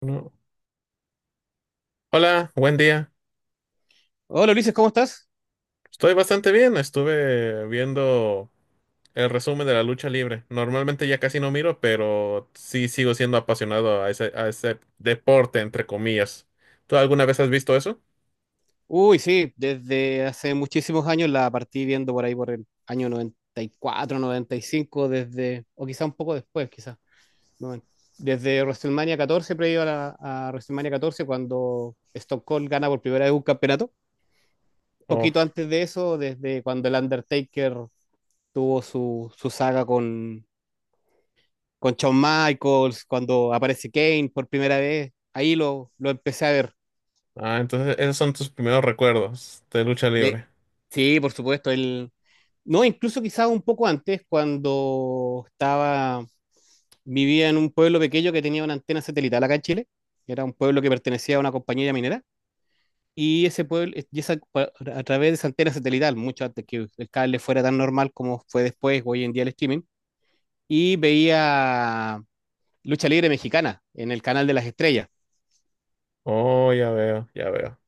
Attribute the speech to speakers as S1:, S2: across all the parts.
S1: No. Hola, buen día.
S2: Hola Ulises, ¿cómo estás?
S1: Estoy bastante bien. Estuve viendo el resumen de la lucha libre. Normalmente ya casi no miro, pero sí sigo siendo apasionado a ese deporte, entre comillas. ¿Tú alguna vez has visto eso?
S2: Uy, sí, desde hace muchísimos años la partí viendo por ahí por el año noventa y cuatro, noventa y cinco, desde, o quizá un poco después, quizá. No, desde WrestleMania 14, previo a WrestleMania 14 cuando Stone Cold gana por primera vez un campeonato.
S1: Oh,
S2: Poquito antes de eso, desde cuando el Undertaker tuvo su saga con Shawn Michaels, cuando aparece Kane por primera vez, ahí lo empecé a ver.
S1: ah, entonces esos son tus primeros recuerdos de lucha
S2: De,
S1: libre.
S2: sí, por supuesto. El, no, Incluso quizás un poco antes, vivía en un pueblo pequeño que tenía una antena satelital acá en Chile. Era un pueblo que pertenecía a una compañía minera. Y ese pueblo, y esa, A través de esa antena satelital, mucho antes que el cable fuera tan normal como fue después, hoy en día el streaming, y veía Lucha Libre Mexicana en el canal de las estrellas.
S1: Oh, ya veo, ya veo.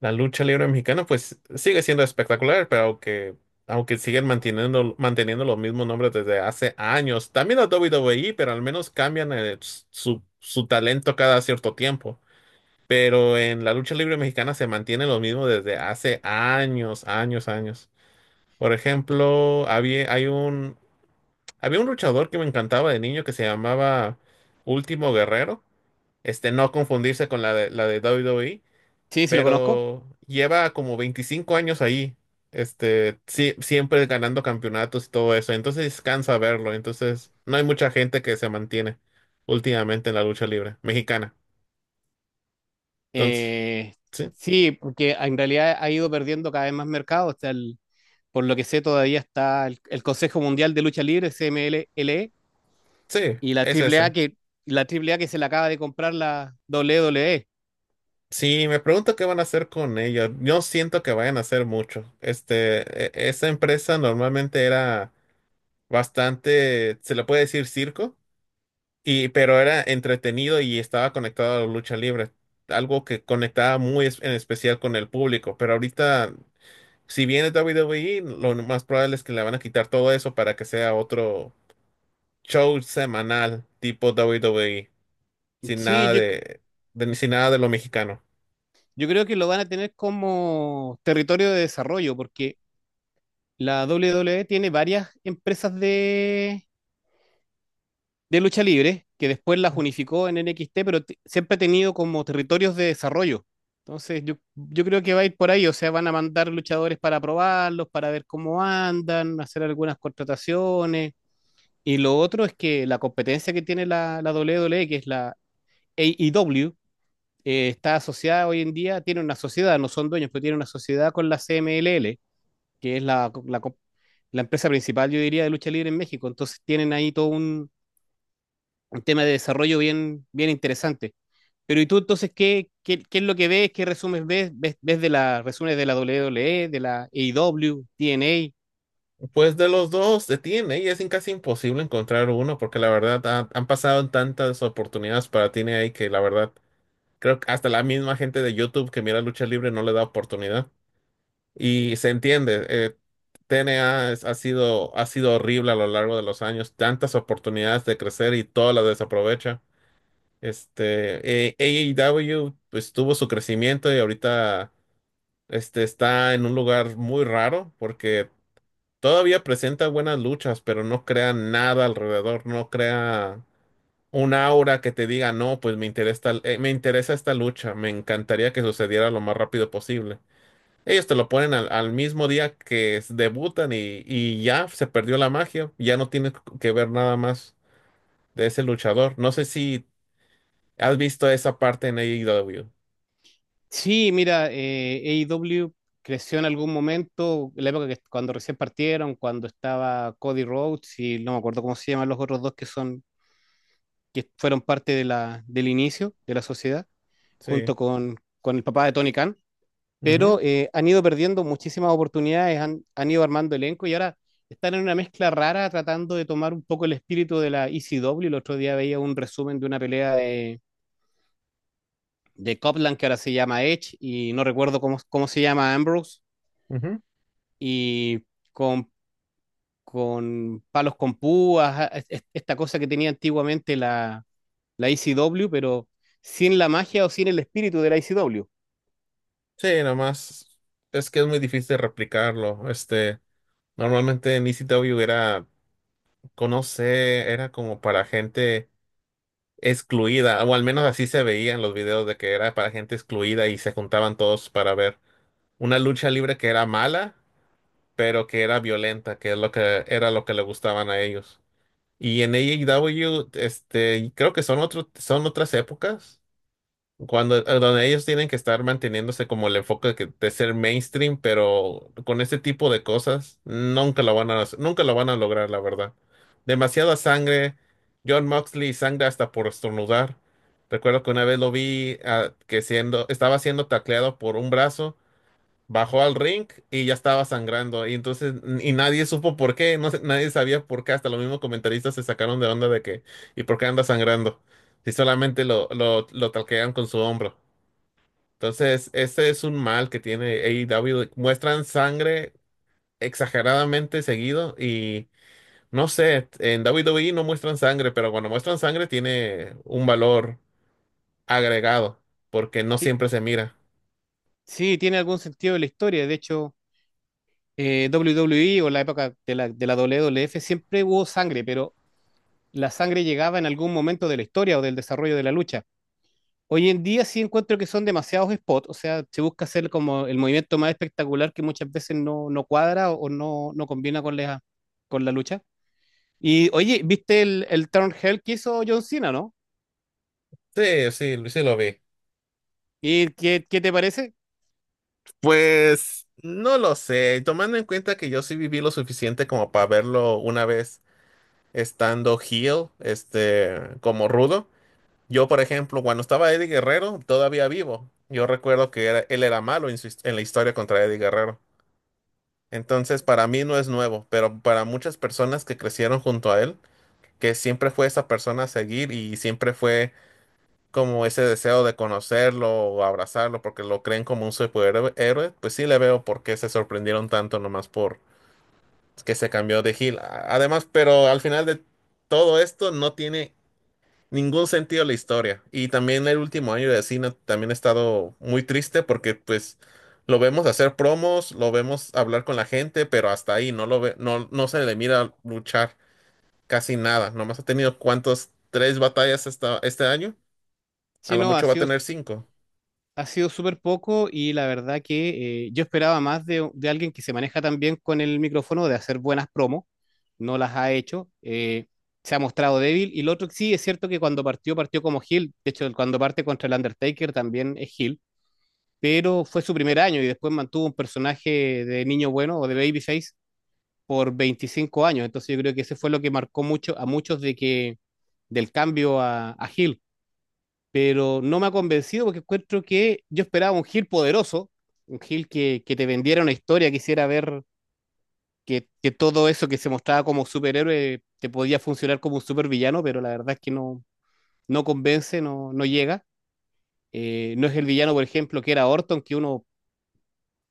S1: La lucha libre mexicana, pues sigue siendo espectacular, pero aunque siguen manteniendo los mismos nombres desde hace años. También la WWE, pero al menos cambian su talento cada cierto tiempo. Pero en la lucha libre mexicana se mantiene lo mismo desde hace años, años, años. Por ejemplo, había un luchador que me encantaba de niño que se llamaba Último Guerrero. No confundirse con la de WWE,
S2: Sí, sí lo conozco.
S1: pero lleva como 25 años ahí. Sí, siempre ganando campeonatos y todo eso, entonces cansa verlo. Entonces no hay mucha gente que se mantiene últimamente en la lucha libre mexicana. Entonces,
S2: Eh,
S1: sí,
S2: sí, porque en realidad ha ido perdiendo cada vez más mercado. Por lo que sé, todavía está el Consejo Mundial de Lucha Libre, CMLL,
S1: sí,
S2: y la
S1: es
S2: A
S1: ese.
S2: la Triple A que se la acaba de comprar la WWE.
S1: Sí, me pregunto qué van a hacer con ella. Yo siento que vayan a hacer mucho. Esa empresa normalmente era bastante, se le puede decir circo. Y, pero era entretenido y estaba conectado a la lucha libre, algo que conectaba muy en especial con el público. Pero ahorita, si viene WWE, lo más probable es que le van a quitar todo eso para que sea otro show semanal tipo WWE, sin
S2: Sí,
S1: nada
S2: yo,
S1: de, sin nada de lo mexicano.
S2: yo creo que lo van a tener como territorio de desarrollo, porque la WWE tiene varias empresas de lucha libre que después las unificó en NXT, pero siempre ha tenido como territorios de desarrollo. Entonces, yo creo que va a ir por ahí, o sea, van a mandar luchadores para probarlos, para ver cómo andan, hacer algunas contrataciones. Y lo otro es que la competencia que tiene la WWE, que es la AEW, está asociada hoy en día, tiene una sociedad, no son dueños, pero tiene una sociedad con la CMLL, que es la empresa principal, yo diría, de lucha libre en México. Entonces tienen ahí todo un tema de desarrollo bien, bien interesante. Pero ¿y tú entonces qué es lo que ves? ¿Qué resumes ves? ¿Ves, ves de la, resúmenes de la WWE, de la AEW, TNA?
S1: Pues de los dos se tiene y es casi imposible encontrar uno porque la verdad han pasado tantas oportunidades para TNA que la verdad creo que hasta la misma gente de YouTube que mira lucha libre no le da oportunidad. Y se entiende. TNA ha sido horrible a lo largo de los años, tantas oportunidades de crecer y todas las desaprovecha. AEW pues tuvo su crecimiento, y ahorita está en un lugar muy raro porque todavía presenta buenas luchas, pero no crea nada alrededor, no crea un aura que te diga, no, pues me interesa esta lucha, me encantaría que sucediera lo más rápido posible. Ellos te lo ponen al mismo día que debutan y ya se perdió la magia. Ya no tienes que ver nada más de ese luchador. No sé si has visto esa parte en AEW.
S2: Sí, mira, AEW creció en algún momento, en la época que cuando recién partieron, cuando estaba Cody Rhodes y no me acuerdo cómo se llaman los otros dos que son, que fueron parte de del inicio de la sociedad,
S1: Sí.
S2: junto con el papá de Tony Khan,
S1: Ujú,
S2: pero han ido perdiendo muchísimas oportunidades, han ido armando elenco y ahora están en una mezcla rara tratando de tomar un poco el espíritu de la ECW. El otro día veía un resumen de una pelea de Copeland que ahora se llama Edge y no recuerdo cómo se llama Ambrose
S1: ujú.
S2: y con, con palos con púas, esta cosa que tenía antiguamente la ICW, pero sin la magia o sin el espíritu de la ICW.
S1: Sí, nada más. Es que es muy difícil replicarlo. Normalmente en ECW era, conoce, era como para gente excluida, o al menos así se veía en los videos, de que era para gente excluida y se juntaban todos para ver una lucha libre que era mala pero que era violenta, que es lo que era lo que le gustaban a ellos. Y en AEW, creo que son otras épocas, cuando donde ellos tienen que estar manteniéndose como el enfoque de, de ser mainstream, pero con este tipo de cosas nunca lo van a, nunca lo van a lograr, la verdad. Demasiada sangre, John Moxley sangre hasta por estornudar. Recuerdo que una vez lo vi estaba siendo tacleado por un brazo. Bajó al ring y ya estaba sangrando. Y entonces, y nadie supo por qué, no sé, nadie sabía por qué, hasta los mismos comentaristas se sacaron de onda de que, ¿y por qué anda sangrando? Si solamente lo talquean con su hombro. Entonces, ese es un mal que tiene AEW. Muestran sangre exageradamente seguido y no sé, en WWE no muestran sangre, pero cuando muestran sangre tiene un valor agregado porque no
S2: Sí,
S1: siempre se mira.
S2: sí, tiene algún sentido de la historia. De hecho, WWE o la época de la WWF siempre hubo sangre, pero la sangre llegaba en algún momento de la historia o del desarrollo de la lucha. Hoy en día sí encuentro que son demasiados spots, o sea, se busca hacer como el movimiento más espectacular que muchas veces no, no cuadra o no, no combina con la lucha. Y oye, ¿viste el Turn Hell que hizo John Cena, no?
S1: Sí, sí, sí lo vi.
S2: ¿Y qué te parece?
S1: Pues no lo sé, tomando en cuenta que yo sí viví lo suficiente como para verlo una vez estando heel, como rudo. Yo, por ejemplo, cuando estaba Eddie Guerrero, todavía vivo. Yo recuerdo que él era malo en, en la historia contra Eddie Guerrero. Entonces, para mí no es nuevo, pero para muchas personas que crecieron junto a él, que siempre fue esa persona a seguir y siempre fue como ese deseo de conocerlo o abrazarlo porque lo creen como un superhéroe, pues sí le veo por qué se sorprendieron tanto nomás por que se cambió de heel. Además, pero al final de todo esto no tiene ningún sentido la historia. Y también el último año de cine también he estado muy triste porque pues lo vemos hacer promos, lo vemos hablar con la gente, pero hasta ahí no lo ve, no, no se le mira luchar casi nada. Nomás ha tenido cuántos, 3 batallas hasta este año. A
S2: Si
S1: lo
S2: no, ha
S1: mucho va a
S2: sido
S1: tener 5.
S2: Ha sido súper poco y la verdad que yo esperaba más de alguien que se maneja tan bien con el micrófono de hacer buenas promos. No las ha hecho. Se ha mostrado débil. Y lo otro que sí, es cierto que cuando partió, partió como heel. De hecho, cuando parte contra el Undertaker también es heel. Pero fue su primer año y después mantuvo un personaje de niño bueno o de babyface por 25 años. Entonces yo creo que ese fue lo que marcó mucho a muchos de que del cambio a heel, pero no me ha convencido porque encuentro que yo esperaba un Gil poderoso, un Gil que te vendiera una historia, quisiera ver que todo eso que se mostraba como superhéroe te podía funcionar como un supervillano, pero la verdad es que no, no convence, no, no llega. No es el villano, por ejemplo, que era Orton, que uno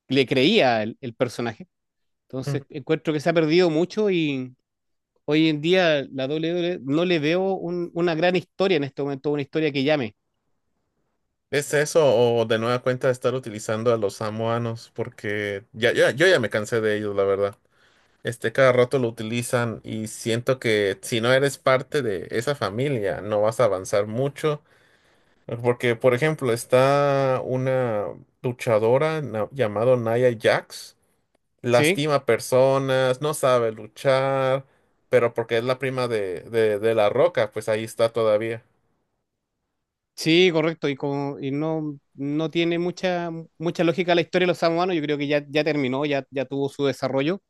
S2: le creía el personaje. Entonces, encuentro que se ha perdido mucho y hoy en día la WWE no le veo una gran historia en este momento, una historia que llame.
S1: ¿Es eso o de nueva cuenta estar utilizando a los samoanos? Porque ya, yo ya me cansé de ellos, la verdad. Cada rato lo utilizan y siento que si no eres parte de esa familia, no vas a avanzar mucho. Porque, por ejemplo, está una luchadora llamada Nia Jax.
S2: ¿Sí?
S1: Lastima personas, no sabe luchar, pero porque es la prima de La Roca, pues ahí está todavía.
S2: Sí, correcto, y, como, y no, no tiene mucha lógica la historia de los samoanos, yo creo que ya terminó, ya tuvo su desarrollo,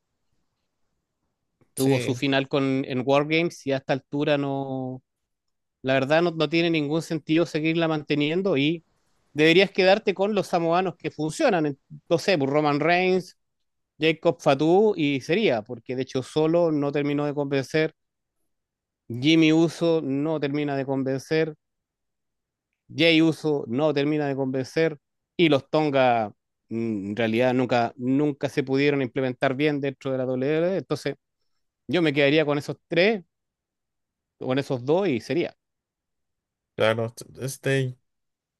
S2: tuvo su
S1: Sí,
S2: final con, en Wargames y a esta altura no, la verdad no, no tiene ningún sentido seguirla manteniendo y deberías quedarte con los samoanos que funcionan, no sé, pues, Roman Reigns, Jacob Fatu y sería, porque de hecho solo no terminó de convencer, Jimmy Uso no termina de convencer, Jay Uso no termina de convencer y los Tonga, mm, en realidad nunca, nunca se pudieron implementar bien dentro de la WWE. Entonces yo me quedaría con esos tres, con esos dos y sería.
S1: claro. Este,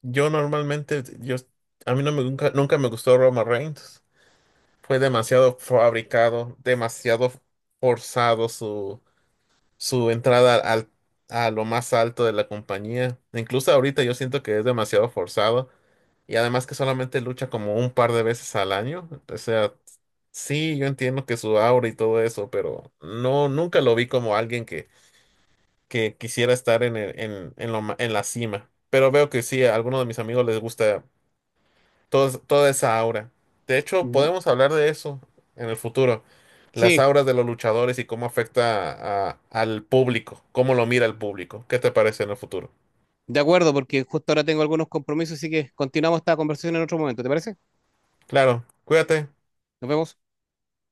S1: Yo normalmente, yo, a mí no me, nunca, nunca me gustó Roma Reigns. Fue demasiado fabricado, demasiado forzado su entrada a lo más alto de la compañía. Incluso ahorita yo siento que es demasiado forzado. Y además que solamente lucha como un par de veces al año. O sea, sí, yo entiendo que su aura y todo eso, pero no, nunca lo vi como alguien que quisiera estar en, el- en, lo ma- en la cima. Pero veo que sí, a algunos de mis amigos les gusta toda esa aura. De hecho,
S2: Mm,
S1: podemos hablar de eso en el futuro. Las
S2: sí,
S1: auras de los luchadores y cómo afecta al público, cómo lo mira el público. ¿Qué te parece en el futuro?
S2: de acuerdo, porque justo ahora tengo algunos compromisos, así que continuamos esta conversación en otro momento, ¿te parece?
S1: Claro, cuídate.
S2: Nos vemos.